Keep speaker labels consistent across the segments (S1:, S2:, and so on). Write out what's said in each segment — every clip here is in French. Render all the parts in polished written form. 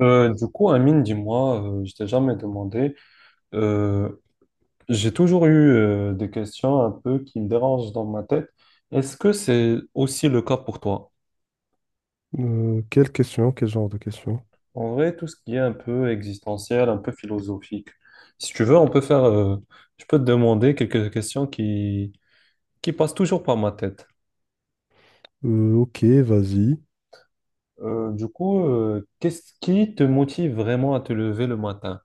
S1: Du coup, Amine, dis-moi, je t'ai jamais demandé, euh, j'ai toujours eu des questions un peu qui me dérangent dans ma tête. Est-ce que c'est aussi le cas pour toi?
S2: Quelle question, quel genre de question?
S1: En vrai, tout ce qui est un peu existentiel, un peu philosophique. Si tu veux, on peut faire, je peux te demander quelques questions qui passent toujours par ma tête.
S2: Ok, vas-y.
S1: Du coup, qu'est-ce qui te motive vraiment à te lever le matin?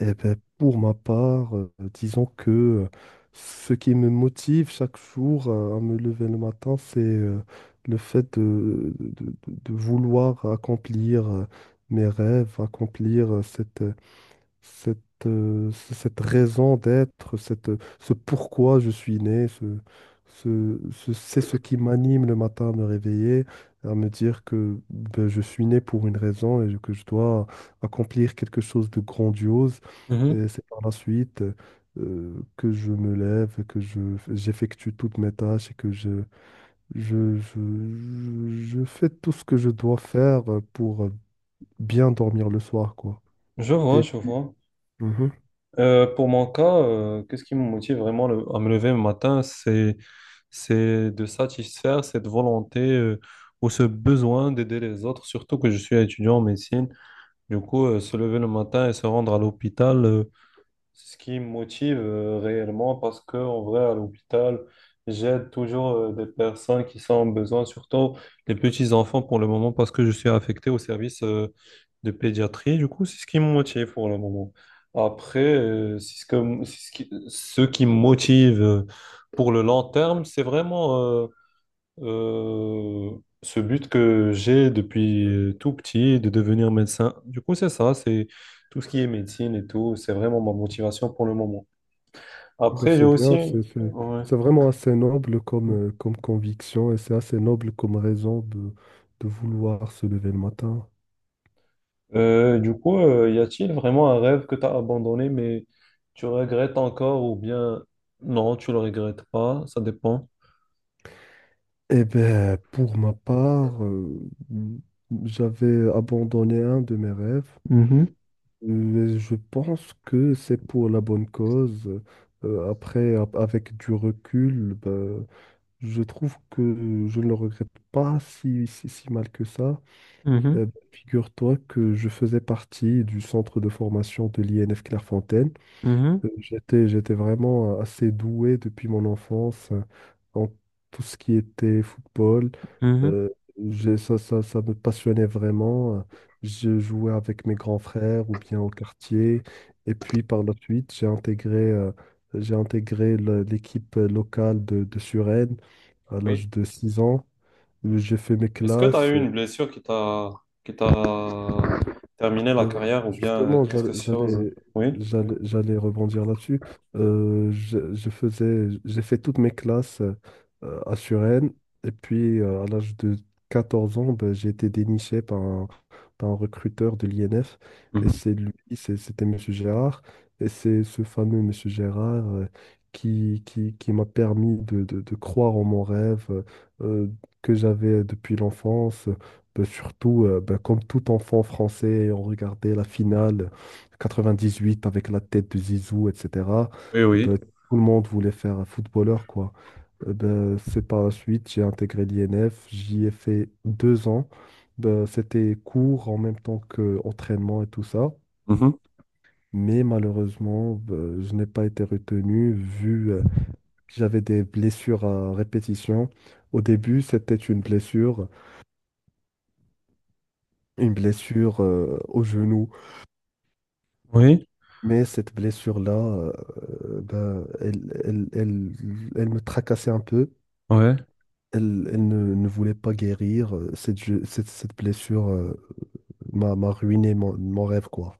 S2: Eh ben, pour ma part, disons que ce qui me motive chaque jour à me lever le matin, c'est le fait de vouloir accomplir mes rêves, accomplir cette raison d'être, ce pourquoi je suis né, c'est ce qui m'anime le matin à me réveiller, à me dire que ben, je suis né pour une raison et que je dois accomplir quelque chose de grandiose.
S1: Mhm.
S2: Et c'est par la suite que je me lève, j'effectue toutes mes tâches et que je, je, je, je fais tout ce que je dois faire pour bien dormir le soir, quoi.
S1: Je vois,
S2: Et
S1: je
S2: puis.
S1: vois.
S2: Mhm.
S1: Pour mon cas, qu'est-ce qui me motive vraiment à me lever le matin, c'est de satisfaire cette volonté ou ce besoin d'aider les autres, surtout que je suis étudiant en médecine. Du coup, se lever le matin et se rendre à l'hôpital, c'est ce qui me motive réellement, parce que en vrai à l'hôpital j'aide toujours des personnes qui sont en besoin, surtout les petits enfants pour le moment, parce que je suis affecté au service de pédiatrie. Du coup, c'est ce qui me motive pour le moment. Après c'est ce qui me motive pour le long terme, c'est vraiment euh, ce but que j'ai depuis tout petit de devenir médecin. Du coup, c'est ça, c'est tout ce qui est médecine et tout, c'est vraiment ma motivation pour le moment.
S2: Bah,
S1: Après, j'ai
S2: c'est bien,
S1: aussi... Ouais.
S2: c'est vraiment assez noble comme conviction et c'est assez noble comme raison de vouloir se lever le matin.
S1: Du coup, y a-t-il vraiment un rêve que tu as abandonné, mais tu regrettes encore, ou bien non, tu le regrettes pas, ça dépend.
S2: Eh bien, pour ma part, j'avais abandonné un de mes rêves.
S1: Mhm,
S2: Je pense que c'est pour la bonne cause. Après, avec du recul, ben, je trouve que je ne le regrette pas si mal que ça. Bah, figure-toi que je faisais partie du centre de formation de l'INF Clairefontaine.
S1: mhm,
S2: J'étais vraiment assez doué depuis mon enfance en tout ce qui était football.
S1: mhm, mhm.
S2: Euh, ça me passionnait vraiment. Je jouais avec mes grands frères ou bien au quartier. Et puis par la suite, j'ai intégré l'équipe locale de Suresnes à
S1: Oui.
S2: l'âge de 6 ans. J'ai fait mes
S1: Est-ce que tu as
S2: classes.
S1: eu une blessure qui t'a terminé la carrière, ou bien
S2: Justement,
S1: qu'est-ce
S2: j'a-
S1: que c'est chose?
S2: j'allais,
S1: Oui.
S2: j'allais, j'allais rebondir là-dessus. J'ai fait toutes mes classes à Suresnes. Et puis, à l'âge de 14 ans, ben, j'ai été déniché par un recruteur de l'INF. Et
S1: Mhm.
S2: c'est lui, c'était Monsieur Gérard. Et c'est ce fameux Monsieur Gérard qui m'a permis de croire en mon rêve euh, que j'avais depuis l'enfance. Bah, surtout, comme tout enfant français, on regardait la finale 98 avec la tête de Zizou, etc.
S1: Oui, oui.
S2: Bah, tout le monde voulait faire un footballeur, quoi. Ben, c'est par la suite, j'ai intégré l'INF, j'y ai fait 2 ans. Ben, c'était cours en même temps que entraînement et tout ça.
S1: Mhm.
S2: Mais malheureusement, ben, je n'ai pas été retenu vu que j'avais des blessures à répétition. Au début, c'était une blessure au genou.
S1: Oui,
S2: Mais cette blessure-là, ben, elle me tracassait un peu.
S1: ouais.
S2: Elle ne voulait pas guérir. Cette blessure m'a ruiné mon rêve, quoi.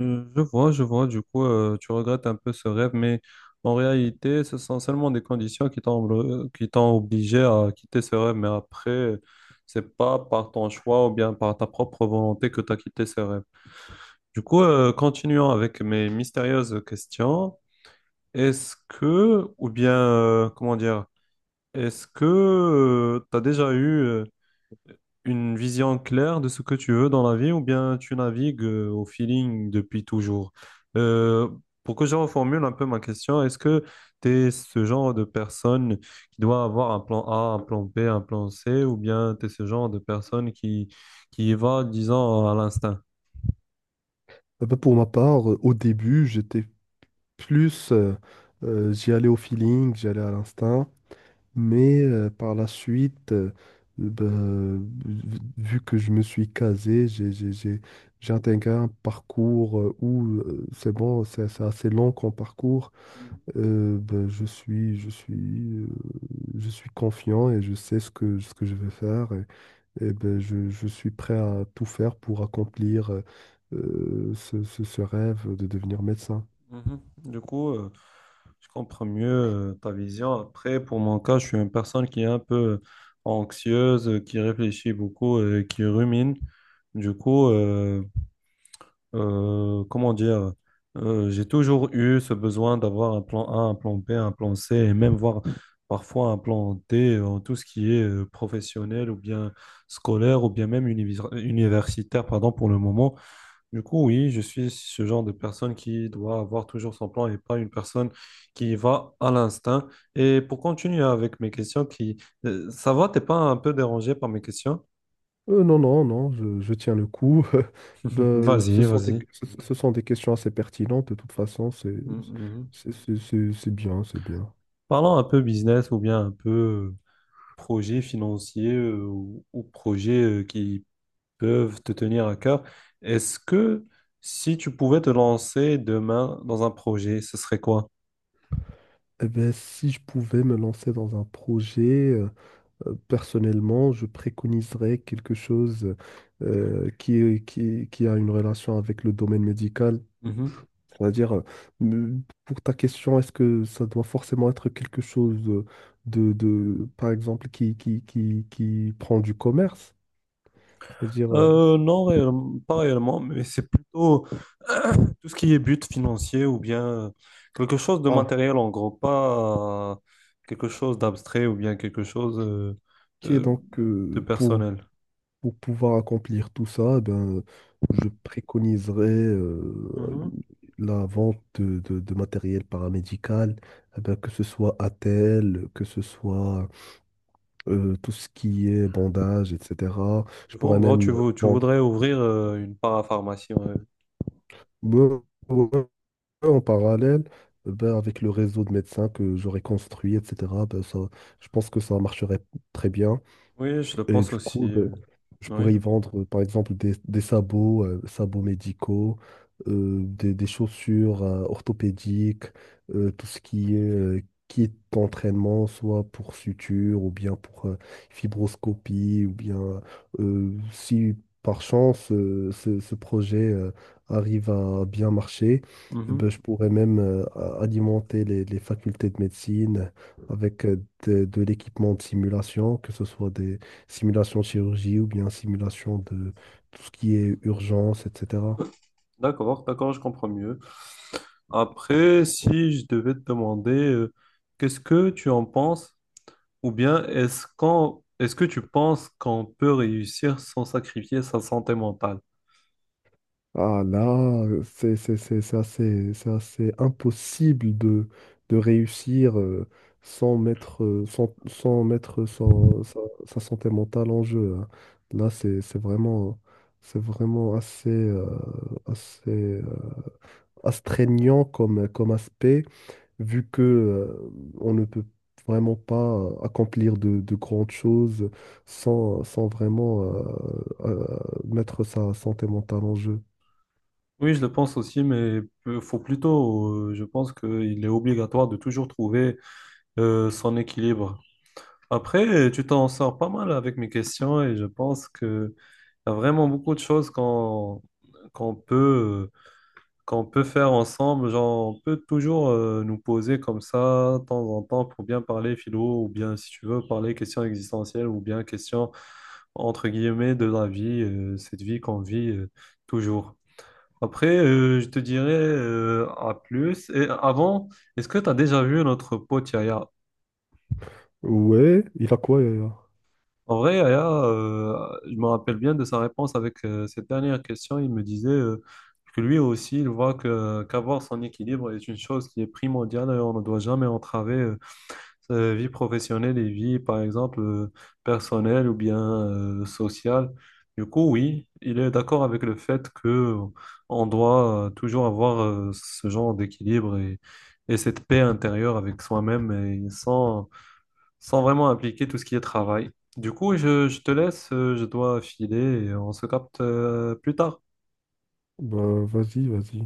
S1: Je vois, je vois. Du coup, tu regrettes un peu ce rêve, mais en réalité, ce sont seulement des conditions qui qui t'ont obligé à quitter ce rêve. Mais après, c'est pas par ton choix ou bien par ta propre volonté que tu as quitté ce rêve. Du coup, continuons avec mes mystérieuses questions. Est-ce que, ou bien, comment dire, est-ce que tu as déjà eu une vision claire de ce que tu veux dans la vie, ou bien tu navigues au feeling depuis toujours? Euh, pour que je reformule un peu ma question, est-ce que tu es ce genre de personne qui doit avoir un plan A, un plan B, un plan C, ou bien tu es ce genre de personne qui y va, disons, à l'instinct?
S2: Ben, pour ma part, au début, j'étais plus... euh, j'y allais au feeling, j'y allais à l'instinct. Mais par la suite, ben, vu vu que je me suis casé, j'ai intégré un parcours où c'est bon, c'est assez long comme parcours. Ben, euh, je suis confiant et je sais ce que je vais faire et ben, je suis prêt à tout faire pour accomplir ce rêve de devenir médecin.
S1: Mhm. Du coup, je comprends mieux ta vision. Après, pour mon cas, je suis une personne qui est un peu anxieuse, qui réfléchit beaucoup et qui rumine. Du coup, comment dire, j'ai toujours eu ce besoin d'avoir un plan A, un plan B, un plan C et même voir parfois un plan D en tout ce qui est professionnel ou bien scolaire ou bien même universitaire, pardon, pour le moment. Du coup, oui, je suis ce genre de personne qui doit avoir toujours son plan et pas une personne qui va à l'instinct. Et pour continuer avec mes questions qui... Ça va, t'es pas un peu dérangé par mes questions?
S2: Non, non, non, je tiens le coup. Ben, ce
S1: Vas-y,
S2: sont des,
S1: vas-y.
S2: ce, ce sont des questions assez pertinentes. De toute façon,
S1: Mm, mhm.
S2: c'est bien, c'est bien.
S1: Parlons un peu business ou bien un peu projet financier ou projet qui peuvent te tenir à cœur. Est-ce que si tu pouvais te lancer demain dans un projet, ce serait quoi?
S2: Eh ben, si je pouvais me lancer dans un projet, personnellement, je préconiserais quelque chose qui a une relation avec le domaine médical. C'est-à-dire, pour ta question, est-ce que ça doit forcément être quelque chose par exemple, qui prend du commerce? C'est-à-dire,
S1: Non, pas réellement, mais c'est plutôt tout ce qui est but financier ou bien quelque chose de
S2: ah,
S1: matériel en gros, pas quelque chose d'abstrait ou bien quelque chose
S2: ok,
S1: euh,
S2: donc
S1: de personnel.
S2: Pour pouvoir accomplir tout ça, eh ben, je préconiserais
S1: Mhm.
S2: la vente de matériel paramédical, eh ben, que ce soit attelle, que ce soit tout ce qui est bandage, etc. Je
S1: Du coup, en
S2: pourrais
S1: gros,
S2: même
S1: tu voudrais
S2: vendre.
S1: ouvrir une parapharmacie. Ouais.
S2: Ouais, ouais, en parallèle eh ben, avec le réseau de médecins que j'aurais construit, etc., ben, ça, je pense que ça marcherait très bien.
S1: Oui, je le
S2: Et
S1: pense
S2: du
S1: aussi.
S2: coup, je
S1: Oui.
S2: pourrais y vendre, par exemple, des sabots, sabots médicaux, des chaussures orthopédiques, tout ce qui est kit d'entraînement, soit pour suture ou bien pour fibroscopie, ou bien si par chance ce projet arrive à bien marcher, eh ben,
S1: Mhm.
S2: je pourrais même alimenter les facultés de médecine avec de l'équipement de simulation, que ce soit des simulation de chirurgie ou bien simulation de tout ce qui est urgence, etc.
S1: D'accord, d'accord, je comprends mieux. Après, si je devais te demander, qu'est-ce que tu en penses? Ou bien est-ce que tu penses qu'on peut réussir sans sacrifier sa santé mentale?
S2: Ah là, c'est assez impossible de réussir sans mettre, sans, sans mettre sa santé mentale en jeu, hein. Là, c'est vraiment assez, assez euh, astreignant comme aspect. Vu que on ne peut vraiment pas accomplir de grandes choses sans vraiment mettre sa santé mentale en jeu.
S1: Oui, je le pense aussi, mais faut plutôt, je pense qu'il est obligatoire de toujours trouver son équilibre. Après, tu t'en sors pas mal avec mes questions et je pense qu'il y a vraiment beaucoup de choses qu'on peut qu'on peut faire ensemble. Genre, on peut toujours nous poser comme ça, de temps en temps, pour bien parler philo, ou bien, si tu veux, parler questions existentielles, ou bien questions, entre guillemets, de la vie, cette vie qu'on vit toujours. Après, je te dirais à plus. Et avant, est-ce que tu as déjà vu notre pote Yaya?
S2: Ouais, il a quoi, Yaya?
S1: En vrai, Aya, je me rappelle bien de sa réponse avec cette dernière question. Il me disait que lui aussi, il voit que qu'avoir son équilibre est une chose qui est primordiale et on ne doit jamais entraver sa vie professionnelle et vie, par exemple, personnelle ou bien sociale. Du coup, oui, il est d'accord avec le fait que on doit toujours avoir ce genre d'équilibre, et cette paix intérieure avec soi-même et sans vraiment impliquer tout ce qui est travail. Du coup, je te laisse, je dois filer et on se capte plus tard.
S2: Bah, vas-y, vas-y.